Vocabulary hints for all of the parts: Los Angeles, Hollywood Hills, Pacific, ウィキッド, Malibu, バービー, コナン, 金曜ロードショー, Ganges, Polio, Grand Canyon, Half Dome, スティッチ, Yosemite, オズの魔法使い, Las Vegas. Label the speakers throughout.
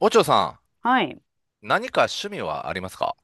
Speaker 1: おちょさ
Speaker 2: はい。
Speaker 1: ん、何か趣味はありますか？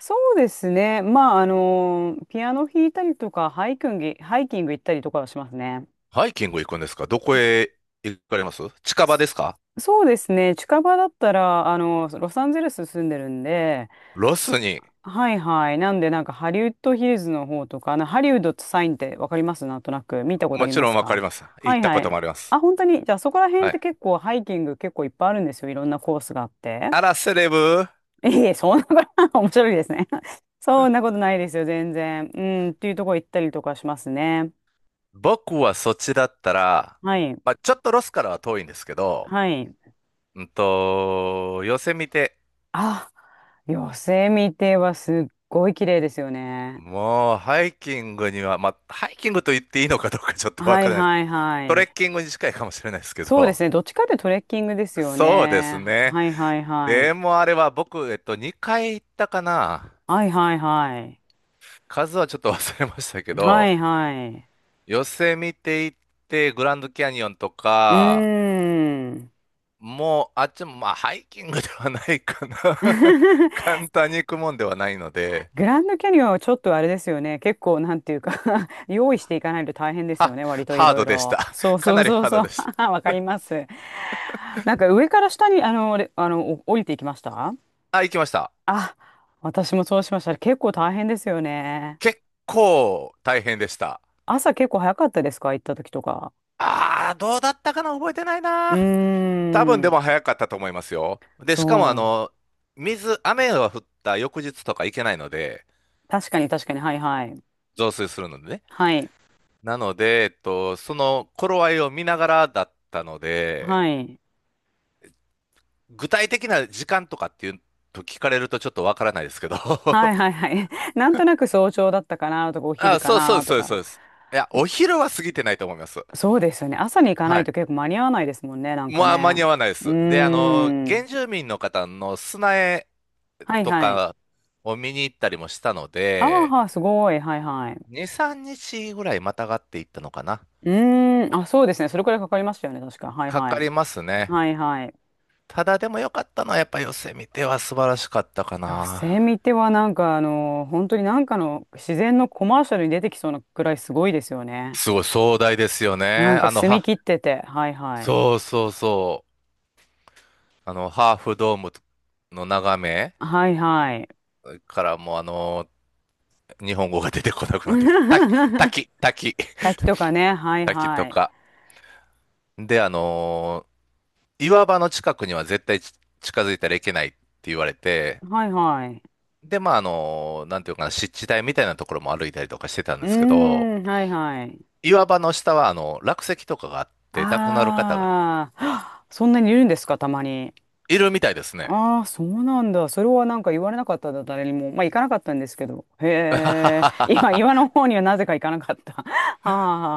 Speaker 2: そうですね。まあ、ピアノ弾いたりとか、ハイキング行ったりとかはしますね。
Speaker 1: ハイキング行くんですか？どこへ行かれます？近場
Speaker 2: そ
Speaker 1: ですか？
Speaker 2: そうですね。近場だったら、ロサンゼルス住んでるんで、
Speaker 1: ロスに。
Speaker 2: はいはい。なんで、なんかハリウッドヒルズの方とか、ハリウッドってサインってわかります？なんとなく見たことあ
Speaker 1: も
Speaker 2: り
Speaker 1: ち
Speaker 2: ま
Speaker 1: ろん
Speaker 2: す
Speaker 1: わか
Speaker 2: か？
Speaker 1: ります。
Speaker 2: は
Speaker 1: 行っ
Speaker 2: い
Speaker 1: た
Speaker 2: は
Speaker 1: ことも
Speaker 2: い。
Speaker 1: あります。
Speaker 2: あ、本当に。じゃあ、そこら辺っ
Speaker 1: は
Speaker 2: て
Speaker 1: い。
Speaker 2: 結構ハイキング結構いっぱいあるんですよ。いろんなコースがあって。
Speaker 1: あら、セレブ。
Speaker 2: いえいえ、そんなこと 面白いですね。そんなことないですよ、全然。うん、っていうとこ行ったりとかしますね。
Speaker 1: 僕はそっちだったら、
Speaker 2: はい。
Speaker 1: まあ、ちょっとロスからは遠いんですけど、
Speaker 2: はい。
Speaker 1: ヨセミテ。
Speaker 2: あ、ヨセミテはすっごい綺麗ですよね。
Speaker 1: もう、ハイキングには、まあ、ハイキングと言っていいのかどうかちょっとわ
Speaker 2: は
Speaker 1: か
Speaker 2: い
Speaker 1: らないです。
Speaker 2: はいは
Speaker 1: トレッ
Speaker 2: い。
Speaker 1: キングに近いかもしれないですけ
Speaker 2: そうで
Speaker 1: ど、
Speaker 2: すね。どっちかってトレッキングですよ
Speaker 1: そうです
Speaker 2: ね。
Speaker 1: ね。
Speaker 2: はいはいはい。
Speaker 1: でもあれは僕、2回行ったかな。
Speaker 2: はいはいはい。
Speaker 1: 数はちょっと忘れましたけ
Speaker 2: は
Speaker 1: ど、
Speaker 2: いはい。
Speaker 1: ヨセ見て行って、グランドキャニオンと
Speaker 2: う
Speaker 1: か、
Speaker 2: ーん。
Speaker 1: もう、あっちも、まあ、ハイキングではないかな。簡単に行くもんではないので、
Speaker 2: グランドキャニオンはちょっとあれですよね。結構なんていうか、 用意していかないと大変ですよ
Speaker 1: は、
Speaker 2: ね。割とい
Speaker 1: ハー
Speaker 2: ろい
Speaker 1: ドでし
Speaker 2: ろ。
Speaker 1: た。
Speaker 2: そう
Speaker 1: か
Speaker 2: そ
Speaker 1: な
Speaker 2: う
Speaker 1: り
Speaker 2: そう
Speaker 1: ハー
Speaker 2: そ
Speaker 1: ド
Speaker 2: う。
Speaker 1: でし
Speaker 2: わかります。なんか上から下にあの、れあの、お降りていきました？
Speaker 1: た。あ、行きました。
Speaker 2: あ、私もそうしました。結構大変ですよね。
Speaker 1: 結構大変でした。
Speaker 2: 朝結構早かったですか、行った時とか。
Speaker 1: あー、どうだったかな覚えてない
Speaker 2: う
Speaker 1: な。多分
Speaker 2: ー
Speaker 1: で
Speaker 2: ん。
Speaker 1: も早かったと思いますよ。で、しかもあ
Speaker 2: そ
Speaker 1: の、水、雨が降った翌日とか行けないので、
Speaker 2: う。確かに確かに。はいはい。
Speaker 1: 増水するのでね。
Speaker 2: はい。
Speaker 1: なので、その頃合いを見ながらだったので、
Speaker 2: はい。
Speaker 1: 具体的な時間とかっていうと聞かれるとちょっとわからないですけど。
Speaker 2: は いはいはい。なんとなく早朝だったかなとか、お昼
Speaker 1: あ、
Speaker 2: か
Speaker 1: そうそう
Speaker 2: な
Speaker 1: です
Speaker 2: と
Speaker 1: そうですそう
Speaker 2: か。
Speaker 1: です。いや、お昼は過ぎてないと思います。
Speaker 2: そうですよね。朝に行かな
Speaker 1: は
Speaker 2: い
Speaker 1: い。
Speaker 2: と結構間に合わないですもんね、なんか
Speaker 1: まあ、間
Speaker 2: ね。
Speaker 1: に合わないで
Speaker 2: うー
Speaker 1: す。で、あの、
Speaker 2: ん。
Speaker 1: 原住民の方の砂絵
Speaker 2: はい
Speaker 1: と
Speaker 2: はい。
Speaker 1: かを見に行ったりもしたの
Speaker 2: ああ、
Speaker 1: で、
Speaker 2: はすごい。はいはい。
Speaker 1: 2、3日ぐらいまたがっていったのかな。
Speaker 2: うーん。あ、そうですね。それくらいかかりましたよね、確か。はい
Speaker 1: か
Speaker 2: は
Speaker 1: か
Speaker 2: い。
Speaker 1: りますね。
Speaker 2: はいはい。い
Speaker 1: ただでも良かったのはやっぱヨセ見ては素晴らしかったか
Speaker 2: や、セミ
Speaker 1: な。
Speaker 2: ってはなんか本当になんかの自然のコマーシャルに出てきそうなくらいすごいですよね。
Speaker 1: すごい壮大ですよ
Speaker 2: なん
Speaker 1: ね。
Speaker 2: か澄み切ってて。はいはい。
Speaker 1: そうそうそう。あの、ハーフドームの眺め
Speaker 2: はいはい。
Speaker 1: からもうあの、日本語が出てこなくなってきた。滝、滝、滝、
Speaker 2: 滝とかね。はい
Speaker 1: 滝と
Speaker 2: はい。
Speaker 1: か。で、あの、岩場の近くには絶対近づいたらいけないって言われて、
Speaker 2: はいはい。
Speaker 1: で、まあ、あの、なんていうかな、湿地帯みたいなところも歩いたりとかしてたん
Speaker 2: うー
Speaker 1: ですけど、
Speaker 2: ん。はいはい。
Speaker 1: 岩場の下はあの、落石とかがあって亡くなる方が
Speaker 2: ああ、そんなにいるんですか、たまに。
Speaker 1: いるみたいですね。
Speaker 2: ああ、そうなんだ。それはなんか言われなかったんだ、誰にも。まあ、行かなかったんですけど。へえ、今、岩の方にはなぜか行かなかった。は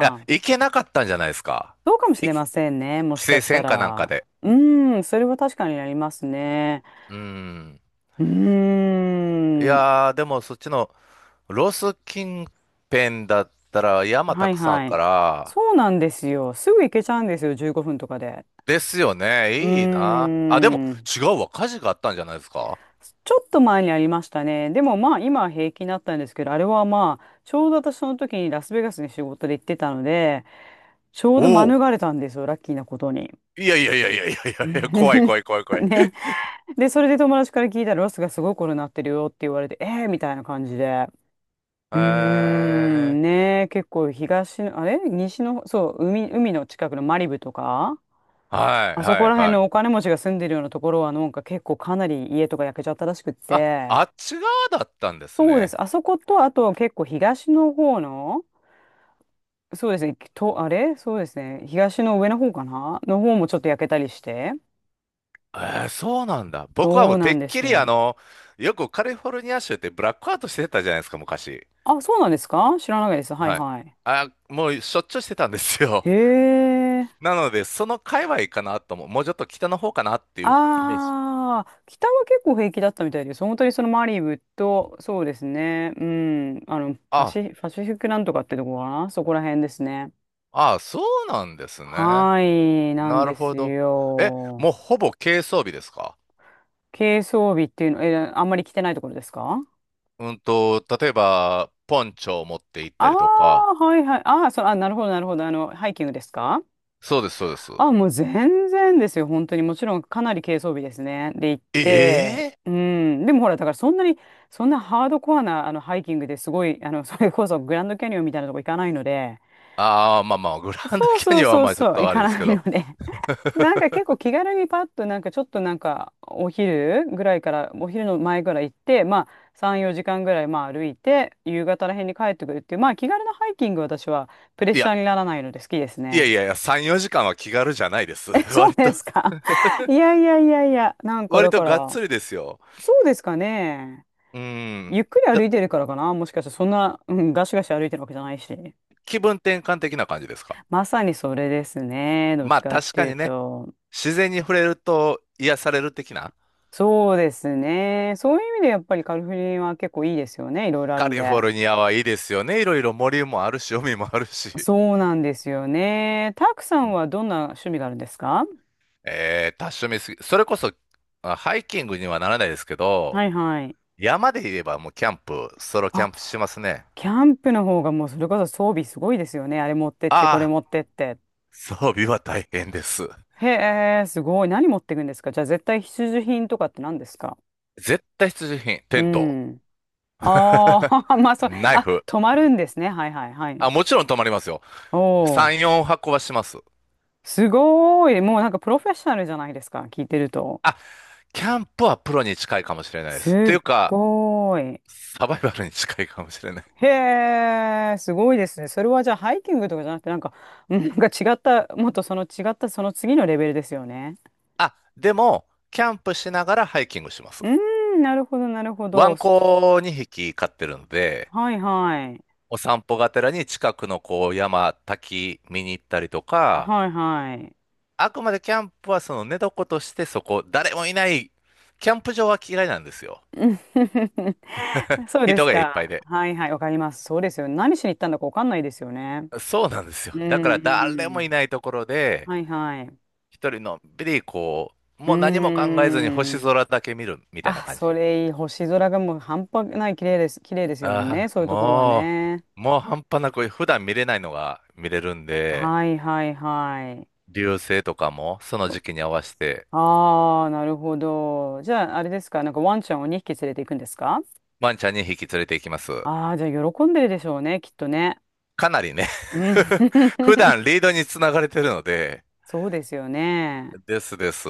Speaker 1: いや、行けなかったんじゃないですか。
Speaker 2: そうかもしれ
Speaker 1: 規
Speaker 2: ませんね、もしか
Speaker 1: 制
Speaker 2: した
Speaker 1: 線かなんか
Speaker 2: ら。
Speaker 1: で。
Speaker 2: うーん、それは確かになりますね。
Speaker 1: うん。
Speaker 2: うー
Speaker 1: い
Speaker 2: ん、
Speaker 1: やー、でもそっちのロス近辺だったら山
Speaker 2: は
Speaker 1: た
Speaker 2: い
Speaker 1: くさんある
Speaker 2: は
Speaker 1: か
Speaker 2: い。
Speaker 1: ら、
Speaker 2: そうなんですよ。すぐ行けちゃうんですよ、15分とかで。
Speaker 1: ですよ
Speaker 2: うー
Speaker 1: ね。いいな。あ、でも
Speaker 2: ん。
Speaker 1: 違うわ。火事があったんじゃないですか。
Speaker 2: ちょっと前にありましたね。でもまあ今は平気になったんですけど、あれはまあ、ちょうど私その時にラスベガスに仕事で行ってたので、ちょうど
Speaker 1: おお。
Speaker 2: 免れたんですよ、ラッキーなことに。
Speaker 1: いやいやいやいやいやい やいや、怖い怖い怖い怖い。
Speaker 2: ね。で、それで友達から聞いたら、ロスがすごいことになってるよって言われて、えーみたいな感じで。うーん、
Speaker 1: え
Speaker 2: ねえ、結構東の、あれ西の、そう、海、海の近くのマリブとか、
Speaker 1: ー、はい
Speaker 2: あそ
Speaker 1: は
Speaker 2: こ
Speaker 1: い
Speaker 2: ら辺
Speaker 1: はい。
Speaker 2: のお金持ちが住んでるようなところは、なんか結構かなり家とか焼けちゃったらしくっ
Speaker 1: あ、
Speaker 2: て、
Speaker 1: あっち側だったんです
Speaker 2: そうで
Speaker 1: ね。
Speaker 2: す。あそこと、あと結構東の方の、そうですね、と、あれそうですね、東の上の方かなの方もちょっと焼けたりして。
Speaker 1: えー、そうなんだ。僕は
Speaker 2: そ
Speaker 1: も
Speaker 2: う
Speaker 1: う
Speaker 2: な
Speaker 1: て
Speaker 2: ん
Speaker 1: っ
Speaker 2: で
Speaker 1: きりあ
Speaker 2: す。
Speaker 1: の、よくカリフォルニア州ってブラックアウトしてたじゃないですか、昔。
Speaker 2: あ、そうなんですか、知らないです。はい
Speaker 1: はい。
Speaker 2: はい。
Speaker 1: あ、もうしょっちゅうしてたんです
Speaker 2: へ
Speaker 1: よ。
Speaker 2: え。
Speaker 1: なので、その界隈かなとも、もうちょっと北の方かなっていうイメージ。
Speaker 2: ああ、北は結構平気だったみたいです。本当にそのマリブと、そうですね、うん、
Speaker 1: あ、
Speaker 2: パシフィックなんとかってとこかな、そこら辺ですね。
Speaker 1: あ、そうなんですね。
Speaker 2: はい、なん
Speaker 1: なる
Speaker 2: で
Speaker 1: ほ
Speaker 2: す
Speaker 1: ど。え、
Speaker 2: よ。
Speaker 1: もうほぼ軽装備ですか？
Speaker 2: 軽装備っていうの、え、あんまり着てないところですか？
Speaker 1: 例えば、ポンチョを持って行っ
Speaker 2: あ
Speaker 1: たりとか。
Speaker 2: あ、はいはい。ああ、そう、あ、なるほど、なるほど。ハイキングですか？
Speaker 1: そうです、そうです。
Speaker 2: あ、もう全然ですよ。本当に。もちろん、かなり軽装備ですね。で、行って、
Speaker 1: ええ
Speaker 2: うん。でもほら、だからそんなに、そんなハードコアな、ハイキングですごい、それこそグランドキャニオンみたいなとこ行かないので、
Speaker 1: ああー、まあまあ、グランド
Speaker 2: そう
Speaker 1: キャ
Speaker 2: そ
Speaker 1: ニ
Speaker 2: う
Speaker 1: オンは
Speaker 2: そう
Speaker 1: まあちょっ
Speaker 2: そう、行
Speaker 1: とあれ
Speaker 2: か
Speaker 1: です
Speaker 2: な
Speaker 1: け
Speaker 2: い
Speaker 1: ど。
Speaker 2: ので、なんか結構気軽にパッとなんかちょっとなんかお昼ぐらいからお昼の前ぐらい行って、まあ3、4時間ぐらいまあ歩いて夕方らへんに帰ってくるっていう、まあ気軽なハイキング、私はプレッ
Speaker 1: い
Speaker 2: シャ
Speaker 1: や、
Speaker 2: ーにならないので好きです
Speaker 1: いや
Speaker 2: ね。
Speaker 1: いやいや、3、4時間は気軽じゃないです。
Speaker 2: え、そう
Speaker 1: 割
Speaker 2: で
Speaker 1: と、
Speaker 2: すか？ いやいやいやいや、なんか
Speaker 1: 割
Speaker 2: だ
Speaker 1: と
Speaker 2: か
Speaker 1: がっ
Speaker 2: ら、
Speaker 1: つりですよ。
Speaker 2: そうですかね。
Speaker 1: う
Speaker 2: ゆ
Speaker 1: ん。
Speaker 2: っくり
Speaker 1: だ
Speaker 2: 歩いてるからかな、もしかして、そんな、うん、ガシガシ歩いてるわけじゃないし。
Speaker 1: 気分転換的な感じですか？
Speaker 2: まさにそれですね。どっ
Speaker 1: ま
Speaker 2: ち
Speaker 1: あ
Speaker 2: かっ
Speaker 1: 確
Speaker 2: て
Speaker 1: か
Speaker 2: いう
Speaker 1: にね、
Speaker 2: と。
Speaker 1: 自然に触れると癒される的な。
Speaker 2: そうですね。そういう意味でやっぱりカリフォルニアは結構いいですよね。いろいろある
Speaker 1: カ
Speaker 2: ん
Speaker 1: リフォ
Speaker 2: で。
Speaker 1: ルニアはいいですよね。いろいろ森もあるし、海もあるし。
Speaker 2: そうなんですよね。たくさ
Speaker 1: う
Speaker 2: ん
Speaker 1: ん
Speaker 2: はどんな趣味があるんですか？
Speaker 1: 多趣味すぎ。それこそ、あハイキングにはならないですけど、
Speaker 2: はいはい。
Speaker 1: 山で言えばもうキャンプ、ソロキャ
Speaker 2: あ、
Speaker 1: ンプしますね。
Speaker 2: キャンプの方がもうそれこそ装備すごいですよね。あれ持ってって、これ
Speaker 1: あ
Speaker 2: 持
Speaker 1: あ、
Speaker 2: ってって。
Speaker 1: 装備は大変です。
Speaker 2: へえ、すごい。何持っていくんですか？じゃあ絶対必需品とかって何ですか？
Speaker 1: 絶対必需品、
Speaker 2: う
Speaker 1: テント、
Speaker 2: ん。あ あ、まあそう。
Speaker 1: ナイ
Speaker 2: あ、
Speaker 1: フ。
Speaker 2: 泊まるんですね。はいはいは
Speaker 1: あ、
Speaker 2: い。
Speaker 1: もちろん泊まりますよ。
Speaker 2: お
Speaker 1: 3、
Speaker 2: お、
Speaker 1: 4泊はこはします。
Speaker 2: すごい。もうなんかプロフェッショナルじゃないですか。聞いてると。
Speaker 1: あ、キャンプはプロに近いかもしれないで
Speaker 2: す
Speaker 1: す。とい
Speaker 2: っ
Speaker 1: うか、
Speaker 2: ごい。
Speaker 1: サバイバルに近いかもしれない。
Speaker 2: へえ、すごいですね。それはじゃあハイキングとかじゃなくて、なんか、うん、なんか違った、もっとその違ったその次のレベルですよね。
Speaker 1: あ、でも、キャンプしながらハイキングしま
Speaker 2: う
Speaker 1: す。
Speaker 2: ーん、なるほど、なるほ
Speaker 1: ワ
Speaker 2: ど。
Speaker 1: ン
Speaker 2: そ、
Speaker 1: コ2匹飼ってるんで、
Speaker 2: はいはい。
Speaker 1: お散歩がてらに近くのこう山、滝見に行ったりとか、
Speaker 2: はいはい。
Speaker 1: あくまでキャンプはその寝床としてそこ、誰もいない、キャンプ場は嫌いなんですよ。
Speaker 2: うん、 そうで
Speaker 1: 人
Speaker 2: す
Speaker 1: がいっぱい
Speaker 2: か。
Speaker 1: で。
Speaker 2: はいはい、わかります。そうですよね。何しに行ったんだかわかんないですよね。
Speaker 1: そうなんですよ。
Speaker 2: うん、
Speaker 1: だから誰
Speaker 2: う
Speaker 1: も
Speaker 2: ん。
Speaker 1: いないところで、
Speaker 2: はいはい。
Speaker 1: 一人のんびりこう、
Speaker 2: うー
Speaker 1: もう何も考えずに星
Speaker 2: ん。
Speaker 1: 空だけ見るみたいな
Speaker 2: あ、
Speaker 1: 感
Speaker 2: そ
Speaker 1: じ。
Speaker 2: れいい。星空がもう半端ない綺麗です。綺麗ですよ
Speaker 1: あ
Speaker 2: ね。
Speaker 1: あ、
Speaker 2: そういうところはね。
Speaker 1: もう半端なく普段見れないのが見れるんで、
Speaker 2: はいはいはい。
Speaker 1: 流星とかもその時期に合わせて
Speaker 2: ああー、なるほど。じゃあ、あれですか、なんかワンちゃんを2匹連れて行くんですか？
Speaker 1: ワンちゃん引匹連れて行きます。
Speaker 2: ああー、じゃあ喜んでるでしょうね、きっとね。
Speaker 1: かなりね
Speaker 2: う ん。
Speaker 1: 普段リードにつながれてるので、
Speaker 2: そうですよね。
Speaker 1: ですです。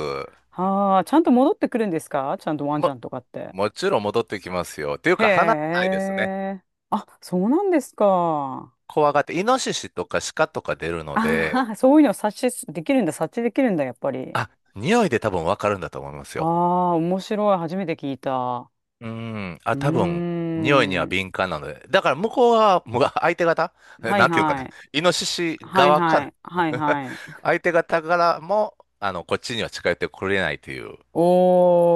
Speaker 2: はあ、ちゃんと戻ってくるんですか、ちゃんとワンちゃ
Speaker 1: も、
Speaker 2: んとかって。
Speaker 1: もちろん戻ってきますよ。っていう
Speaker 2: へ
Speaker 1: か離れないですね。
Speaker 2: え。あ、そうなんですか。
Speaker 1: 怖がって、イノシシとかシカとか出るので、
Speaker 2: ああ、そういうのを察知できるんだ、察知できるんだ、やっぱり。
Speaker 1: あ、匂いで多分わかるんだと思います
Speaker 2: あ
Speaker 1: よ。
Speaker 2: あ、面白い。初めて聞いた。
Speaker 1: うん。
Speaker 2: う
Speaker 1: あ、多分、
Speaker 2: ー
Speaker 1: 匂いには
Speaker 2: ん。
Speaker 1: 敏感なので。だから向こうは、む 相手方え
Speaker 2: はい
Speaker 1: なんていうのか
Speaker 2: は
Speaker 1: な。
Speaker 2: い。
Speaker 1: イノシシ
Speaker 2: はい
Speaker 1: 側か
Speaker 2: は
Speaker 1: ら
Speaker 2: い。はいはい。
Speaker 1: 相手方からも、あの、こっちには近寄ってこれないという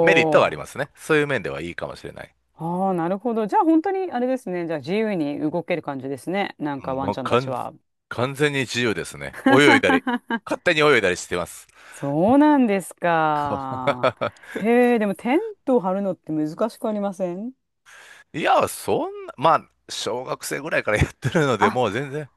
Speaker 1: メリットはあり
Speaker 2: ー。
Speaker 1: ますね。そういう面ではいいかもしれない。
Speaker 2: ああ、なるほど。じゃあ本当にあれですね。じゃあ自由に動ける感じですね。なん
Speaker 1: う
Speaker 2: か
Speaker 1: ん
Speaker 2: ワン
Speaker 1: も
Speaker 2: ち
Speaker 1: う
Speaker 2: ゃんたちは。
Speaker 1: 完全に自由ですね。泳いだり、勝手に泳いだりしてます。
Speaker 2: そうなんですか。へえ、でもテントを張るのって難しくありません？
Speaker 1: いや、そんな、まあ、小学生ぐらいからやってるので、
Speaker 2: あ、
Speaker 1: もう全然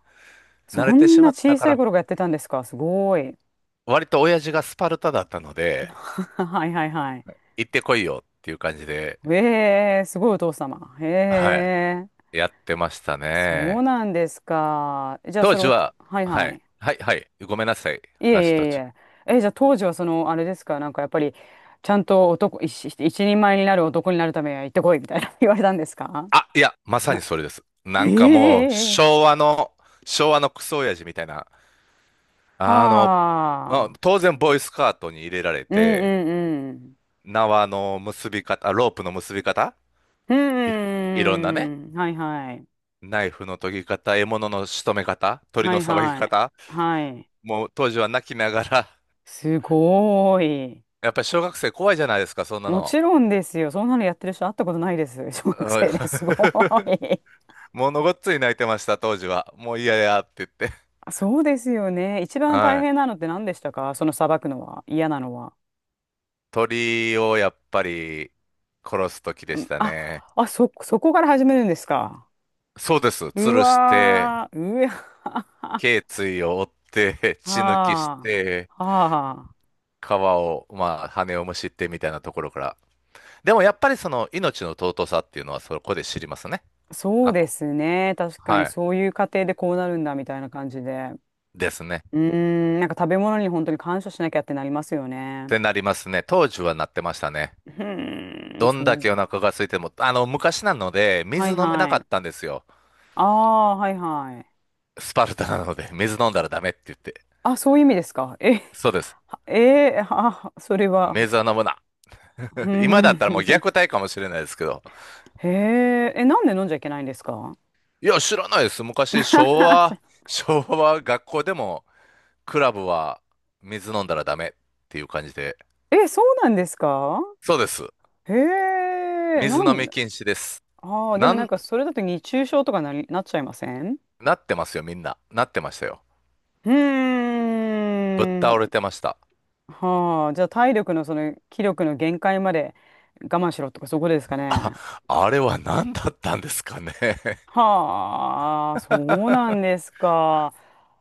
Speaker 1: 慣れ
Speaker 2: そ
Speaker 1: て
Speaker 2: ん
Speaker 1: しま
Speaker 2: な
Speaker 1: った
Speaker 2: 小
Speaker 1: か
Speaker 2: さ
Speaker 1: ら、
Speaker 2: い頃がやってたんですか。すごい。
Speaker 1: 割と親父がスパルタだったの で、
Speaker 2: はいはいはい。
Speaker 1: 行ってこいよっていう感じで、
Speaker 2: ええ、すごいお父様。へ
Speaker 1: はい、
Speaker 2: え、
Speaker 1: やってました
Speaker 2: そう
Speaker 1: ね。
Speaker 2: なんですか。じゃあ
Speaker 1: 当
Speaker 2: それ
Speaker 1: 時
Speaker 2: を、
Speaker 1: は、
Speaker 2: はい
Speaker 1: は
Speaker 2: は
Speaker 1: い、
Speaker 2: い。
Speaker 1: はい、はい、ごめんなさい、
Speaker 2: いえい
Speaker 1: 話途
Speaker 2: え
Speaker 1: 中。
Speaker 2: いえ。え、じゃあ当時はその、あれですか、なんかやっぱり、ちゃんと男、一人前になる男になるためには行ってこいみたいな 言われたんですか？
Speaker 1: あ、いや、ま さ
Speaker 2: な、
Speaker 1: にそれです。なんかもう、
Speaker 2: へえ、
Speaker 1: 昭和のクソ親父みたいな、
Speaker 2: は
Speaker 1: あの、まあ
Speaker 2: あ、
Speaker 1: 当然、ボーイスカートに入れられ
Speaker 2: うん
Speaker 1: て、
Speaker 2: うんうん。
Speaker 1: 縄の結び方、ロープの結び方、いろ
Speaker 2: う
Speaker 1: いろんなね、
Speaker 2: ん、はいはい。
Speaker 1: ナイフの研ぎ方、獲物の仕留め方、鳥
Speaker 2: は
Speaker 1: の
Speaker 2: い
Speaker 1: さばき
Speaker 2: はい。
Speaker 1: 方、
Speaker 2: はい。
Speaker 1: もう当時は泣きながら、
Speaker 2: すごーい。
Speaker 1: やっぱり小学生怖いじゃないですか、そんな
Speaker 2: も
Speaker 1: の。
Speaker 2: ちろんですよ。そんなのやってる人会ったことないです。小学
Speaker 1: はい
Speaker 2: 生ですすごーい。
Speaker 1: ものごっつい泣いてました、当時は。もう嫌やって言って。
Speaker 2: あ、そうですよね。一番大
Speaker 1: はい。
Speaker 2: 変なのって何でしたか、そのさばくのは。嫌なのは。
Speaker 1: 鳥をやっぱり殺す時でした
Speaker 2: あ、
Speaker 1: ね。
Speaker 2: あ、そこから始めるんですか。
Speaker 1: そうです。
Speaker 2: う
Speaker 1: 吊るして、
Speaker 2: わー、うわ
Speaker 1: 頸椎を折って、
Speaker 2: ー、
Speaker 1: 血抜きし
Speaker 2: は
Speaker 1: て、
Speaker 2: あ、は
Speaker 1: 皮を、まあ、羽をむしってみたいなところから。でもやっぱりその命の尊さっていうのはそこで知りますね。
Speaker 2: あ、そう
Speaker 1: あ、
Speaker 2: で
Speaker 1: こ
Speaker 2: すね。確か
Speaker 1: は
Speaker 2: に
Speaker 1: い。
Speaker 2: そういう過程でこうなるんだみたいな感じで。
Speaker 1: ですね。
Speaker 2: うーん、なんか食べ物に本当に感謝しなきゃってなりますよ
Speaker 1: っ
Speaker 2: ね。
Speaker 1: てなりますね。当時はなってましたね。
Speaker 2: うーん、
Speaker 1: どんだ
Speaker 2: そ
Speaker 1: け
Speaker 2: う。
Speaker 1: お腹が空いても、あの、昔なので、
Speaker 2: は
Speaker 1: 水
Speaker 2: い
Speaker 1: 飲めな
Speaker 2: は
Speaker 1: か
Speaker 2: い。
Speaker 1: ったんですよ。
Speaker 2: ああ、はいはい。
Speaker 1: スパルタなので、水飲んだらダメって言って。
Speaker 2: あ、そういう意味ですか。え、
Speaker 1: そうです。
Speaker 2: はえー、あ、それは。
Speaker 1: 水は飲むな。
Speaker 2: う
Speaker 1: 今だったらもう
Speaker 2: ー
Speaker 1: 虐
Speaker 2: ん。
Speaker 1: 待かもしれないですけど。
Speaker 2: へえ、え、なんで飲んじゃいけないんですか？
Speaker 1: いや、知らないです。昔、昭和学校でも、クラブは水飲んだらダメっていう感じで。
Speaker 2: え、そうなんですか？
Speaker 1: そうです。
Speaker 2: へえ、な
Speaker 1: 水飲
Speaker 2: ん、
Speaker 1: み禁止です。
Speaker 2: ああ、で
Speaker 1: な
Speaker 2: もなん
Speaker 1: ん、
Speaker 2: かそれだと熱中症とかなり、なっちゃいません？
Speaker 1: なってますよ、みんな。なってましたよ。
Speaker 2: う
Speaker 1: ぶっ
Speaker 2: ー
Speaker 1: 倒
Speaker 2: ん。
Speaker 1: れてました。
Speaker 2: はあ、じゃあ体力のその気力の限界まで我慢しろとかそういうことですか
Speaker 1: あ、
Speaker 2: ね。
Speaker 1: あれは何だったんですかね。
Speaker 2: はあ、そうなんですか。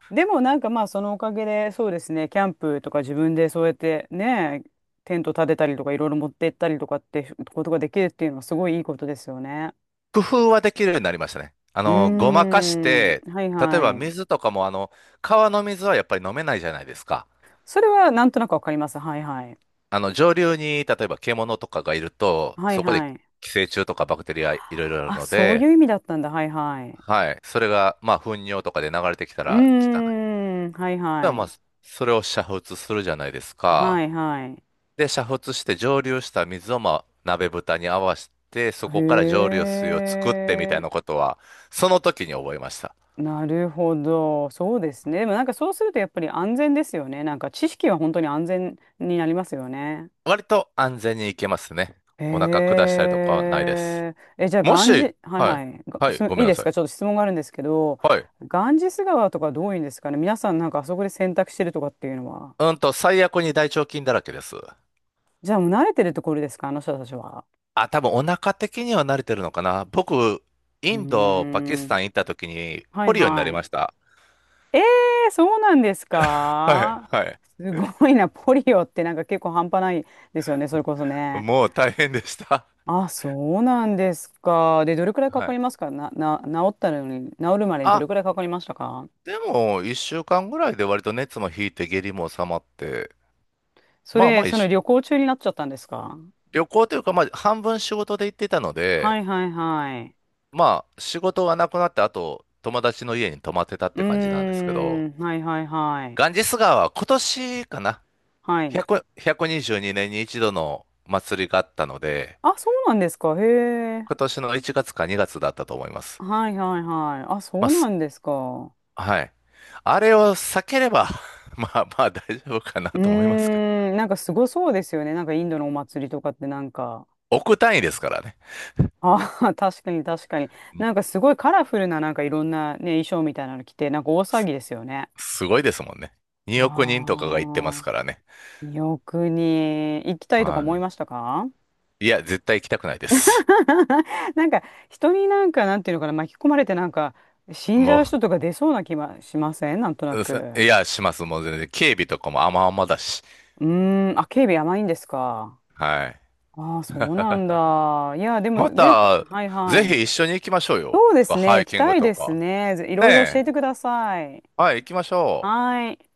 Speaker 2: でもなんかまあそのおかげでそうですね、キャンプとか自分でそうやってね、テント立てたりとかいろいろ持って行ったりとかってことができるっていうのはすごいいいことですよね。
Speaker 1: 工夫はできるようになりましたね。あ
Speaker 2: うー
Speaker 1: の、ごまかし
Speaker 2: ん。
Speaker 1: て、
Speaker 2: はい
Speaker 1: 例えば
Speaker 2: はい。
Speaker 1: 水とかも、あの、川の水はやっぱり飲めないじゃないですか。
Speaker 2: それはなんとなくわかります。はいはい。
Speaker 1: あの、上流に、例えば獣とかがいると、
Speaker 2: はい
Speaker 1: そこで
Speaker 2: はい。
Speaker 1: 寄生虫とかバクテリアいろいろある
Speaker 2: あ、
Speaker 1: の
Speaker 2: そうい
Speaker 1: で、
Speaker 2: う意味だったんだ。はいはい。
Speaker 1: はい。それが、まあ、糞尿とかで流れてきた
Speaker 2: うー
Speaker 1: ら汚い。だか
Speaker 2: ん。はい
Speaker 1: ら
Speaker 2: は
Speaker 1: まあ、
Speaker 2: い。
Speaker 1: それを煮沸するじゃないです
Speaker 2: は
Speaker 1: か。
Speaker 2: いはい。
Speaker 1: で、煮沸して蒸留した水を、まあ、鍋蓋に合わせて、そ
Speaker 2: へ
Speaker 1: こから蒸留水を作ってみたいな
Speaker 2: え。
Speaker 1: ことは、その時に覚えました。
Speaker 2: なるほど。そうですね。でもなんかそうするとやっぱり安全ですよね。なんか知識は本当に安全になりますよね。
Speaker 1: 割と安全に行けますね。お腹下
Speaker 2: へ
Speaker 1: したりとかはないです。
Speaker 2: え。え、じゃあ、
Speaker 1: も
Speaker 2: ガン
Speaker 1: し、
Speaker 2: ジ、はい
Speaker 1: はい。
Speaker 2: はい。が
Speaker 1: はい、
Speaker 2: すい
Speaker 1: ごめ
Speaker 2: い
Speaker 1: んな
Speaker 2: で
Speaker 1: さ
Speaker 2: す
Speaker 1: い。
Speaker 2: か、ちょっと質問があるんですけど、
Speaker 1: はい。
Speaker 2: ガンジス川とかどういうんですかね、皆さんなんかあそこで洗濯してるとかっていうのは。
Speaker 1: 最悪に大腸菌だらけです。
Speaker 2: じゃあ、もう慣れてるところですか、あの人たちは。
Speaker 1: あ、多分お腹的には慣れてるのかな。僕、
Speaker 2: う
Speaker 1: イ
Speaker 2: ー
Speaker 1: ンド、パキスタ
Speaker 2: ん。
Speaker 1: ン行った時に
Speaker 2: は
Speaker 1: ポ
Speaker 2: い
Speaker 1: リオにな
Speaker 2: は
Speaker 1: り
Speaker 2: い。
Speaker 1: ました。
Speaker 2: えー、そうなんです
Speaker 1: はい、
Speaker 2: か？
Speaker 1: はい。
Speaker 2: すごいな。ポリオってなんか結構半端ないですよね。それこそね。
Speaker 1: もう大変でした。
Speaker 2: あ、そうなんですか。で、どれくらいか
Speaker 1: は
Speaker 2: か
Speaker 1: い。
Speaker 2: りますか、治ったのに、治るまでにど
Speaker 1: あ、
Speaker 2: れくらいかかりましたか？
Speaker 1: でも、1週間ぐらいで割と熱も引いて下痢も収まって、
Speaker 2: そ
Speaker 1: まあ
Speaker 2: れ、
Speaker 1: まあ一
Speaker 2: その
Speaker 1: 緒、
Speaker 2: 旅行中になっちゃったんですか？
Speaker 1: 旅行というか、まあ半分仕事で行ってたの
Speaker 2: は
Speaker 1: で、
Speaker 2: いはいはい。
Speaker 1: まあ、仕事がなくなって、あと、友達の家に泊まってたっ
Speaker 2: うー
Speaker 1: て感じなんですけど、
Speaker 2: ん、はいはいはい。
Speaker 1: ガンジス川は今年かな、
Speaker 2: はい。
Speaker 1: 100、122年にじゅうにねんに一度の祭りがあったので、
Speaker 2: あ、そうなんですか。へえ。
Speaker 1: 今年の1月か2月だったと思います。
Speaker 2: はいはいはい。あ、そ
Speaker 1: まあ、
Speaker 2: うな
Speaker 1: す
Speaker 2: んですか。
Speaker 1: はい。あれを避ければ まあまあ大丈夫かな
Speaker 2: う
Speaker 1: と思いますけど。
Speaker 2: ーん、なんかすごそうですよね。なんかインドのお祭りとかってなんか。
Speaker 1: 億単位ですからね。
Speaker 2: ああ、確かに確かに。
Speaker 1: ん
Speaker 2: なんかすごいカラフルななんかいろんなね、衣装みたいなの着て、なんか大騒ぎですよね。
Speaker 1: すごいですもんね。2億人とかが行ってま
Speaker 2: あ
Speaker 1: すからね。
Speaker 2: あ、よくに行きたいとか
Speaker 1: は
Speaker 2: 思いましたか？
Speaker 1: い。いや、絶対行きたくないです。
Speaker 2: なんか人になんかなんていうのかな、巻き込まれてなんか死んじ
Speaker 1: も
Speaker 2: ゃう人
Speaker 1: う、
Speaker 2: とか出そうな気はしません、なんとな
Speaker 1: い
Speaker 2: く。
Speaker 1: や、します。もう全然。警備とかも甘々だし。
Speaker 2: うーん、あ、警備甘いんですか。
Speaker 1: はい。
Speaker 2: ああ、そうなんだ。いや、で
Speaker 1: ま
Speaker 2: もぜひ、
Speaker 1: た、
Speaker 2: はいは
Speaker 1: ぜ
Speaker 2: い。
Speaker 1: ひ一緒に行きましょうよ。
Speaker 2: そうですね、
Speaker 1: ハイ
Speaker 2: 行き
Speaker 1: キン
Speaker 2: た
Speaker 1: グ
Speaker 2: い
Speaker 1: と
Speaker 2: です
Speaker 1: か。
Speaker 2: ね。ぜい
Speaker 1: ね
Speaker 2: ろいろ教
Speaker 1: え。
Speaker 2: えてください。
Speaker 1: はい、行きましょう。
Speaker 2: はい。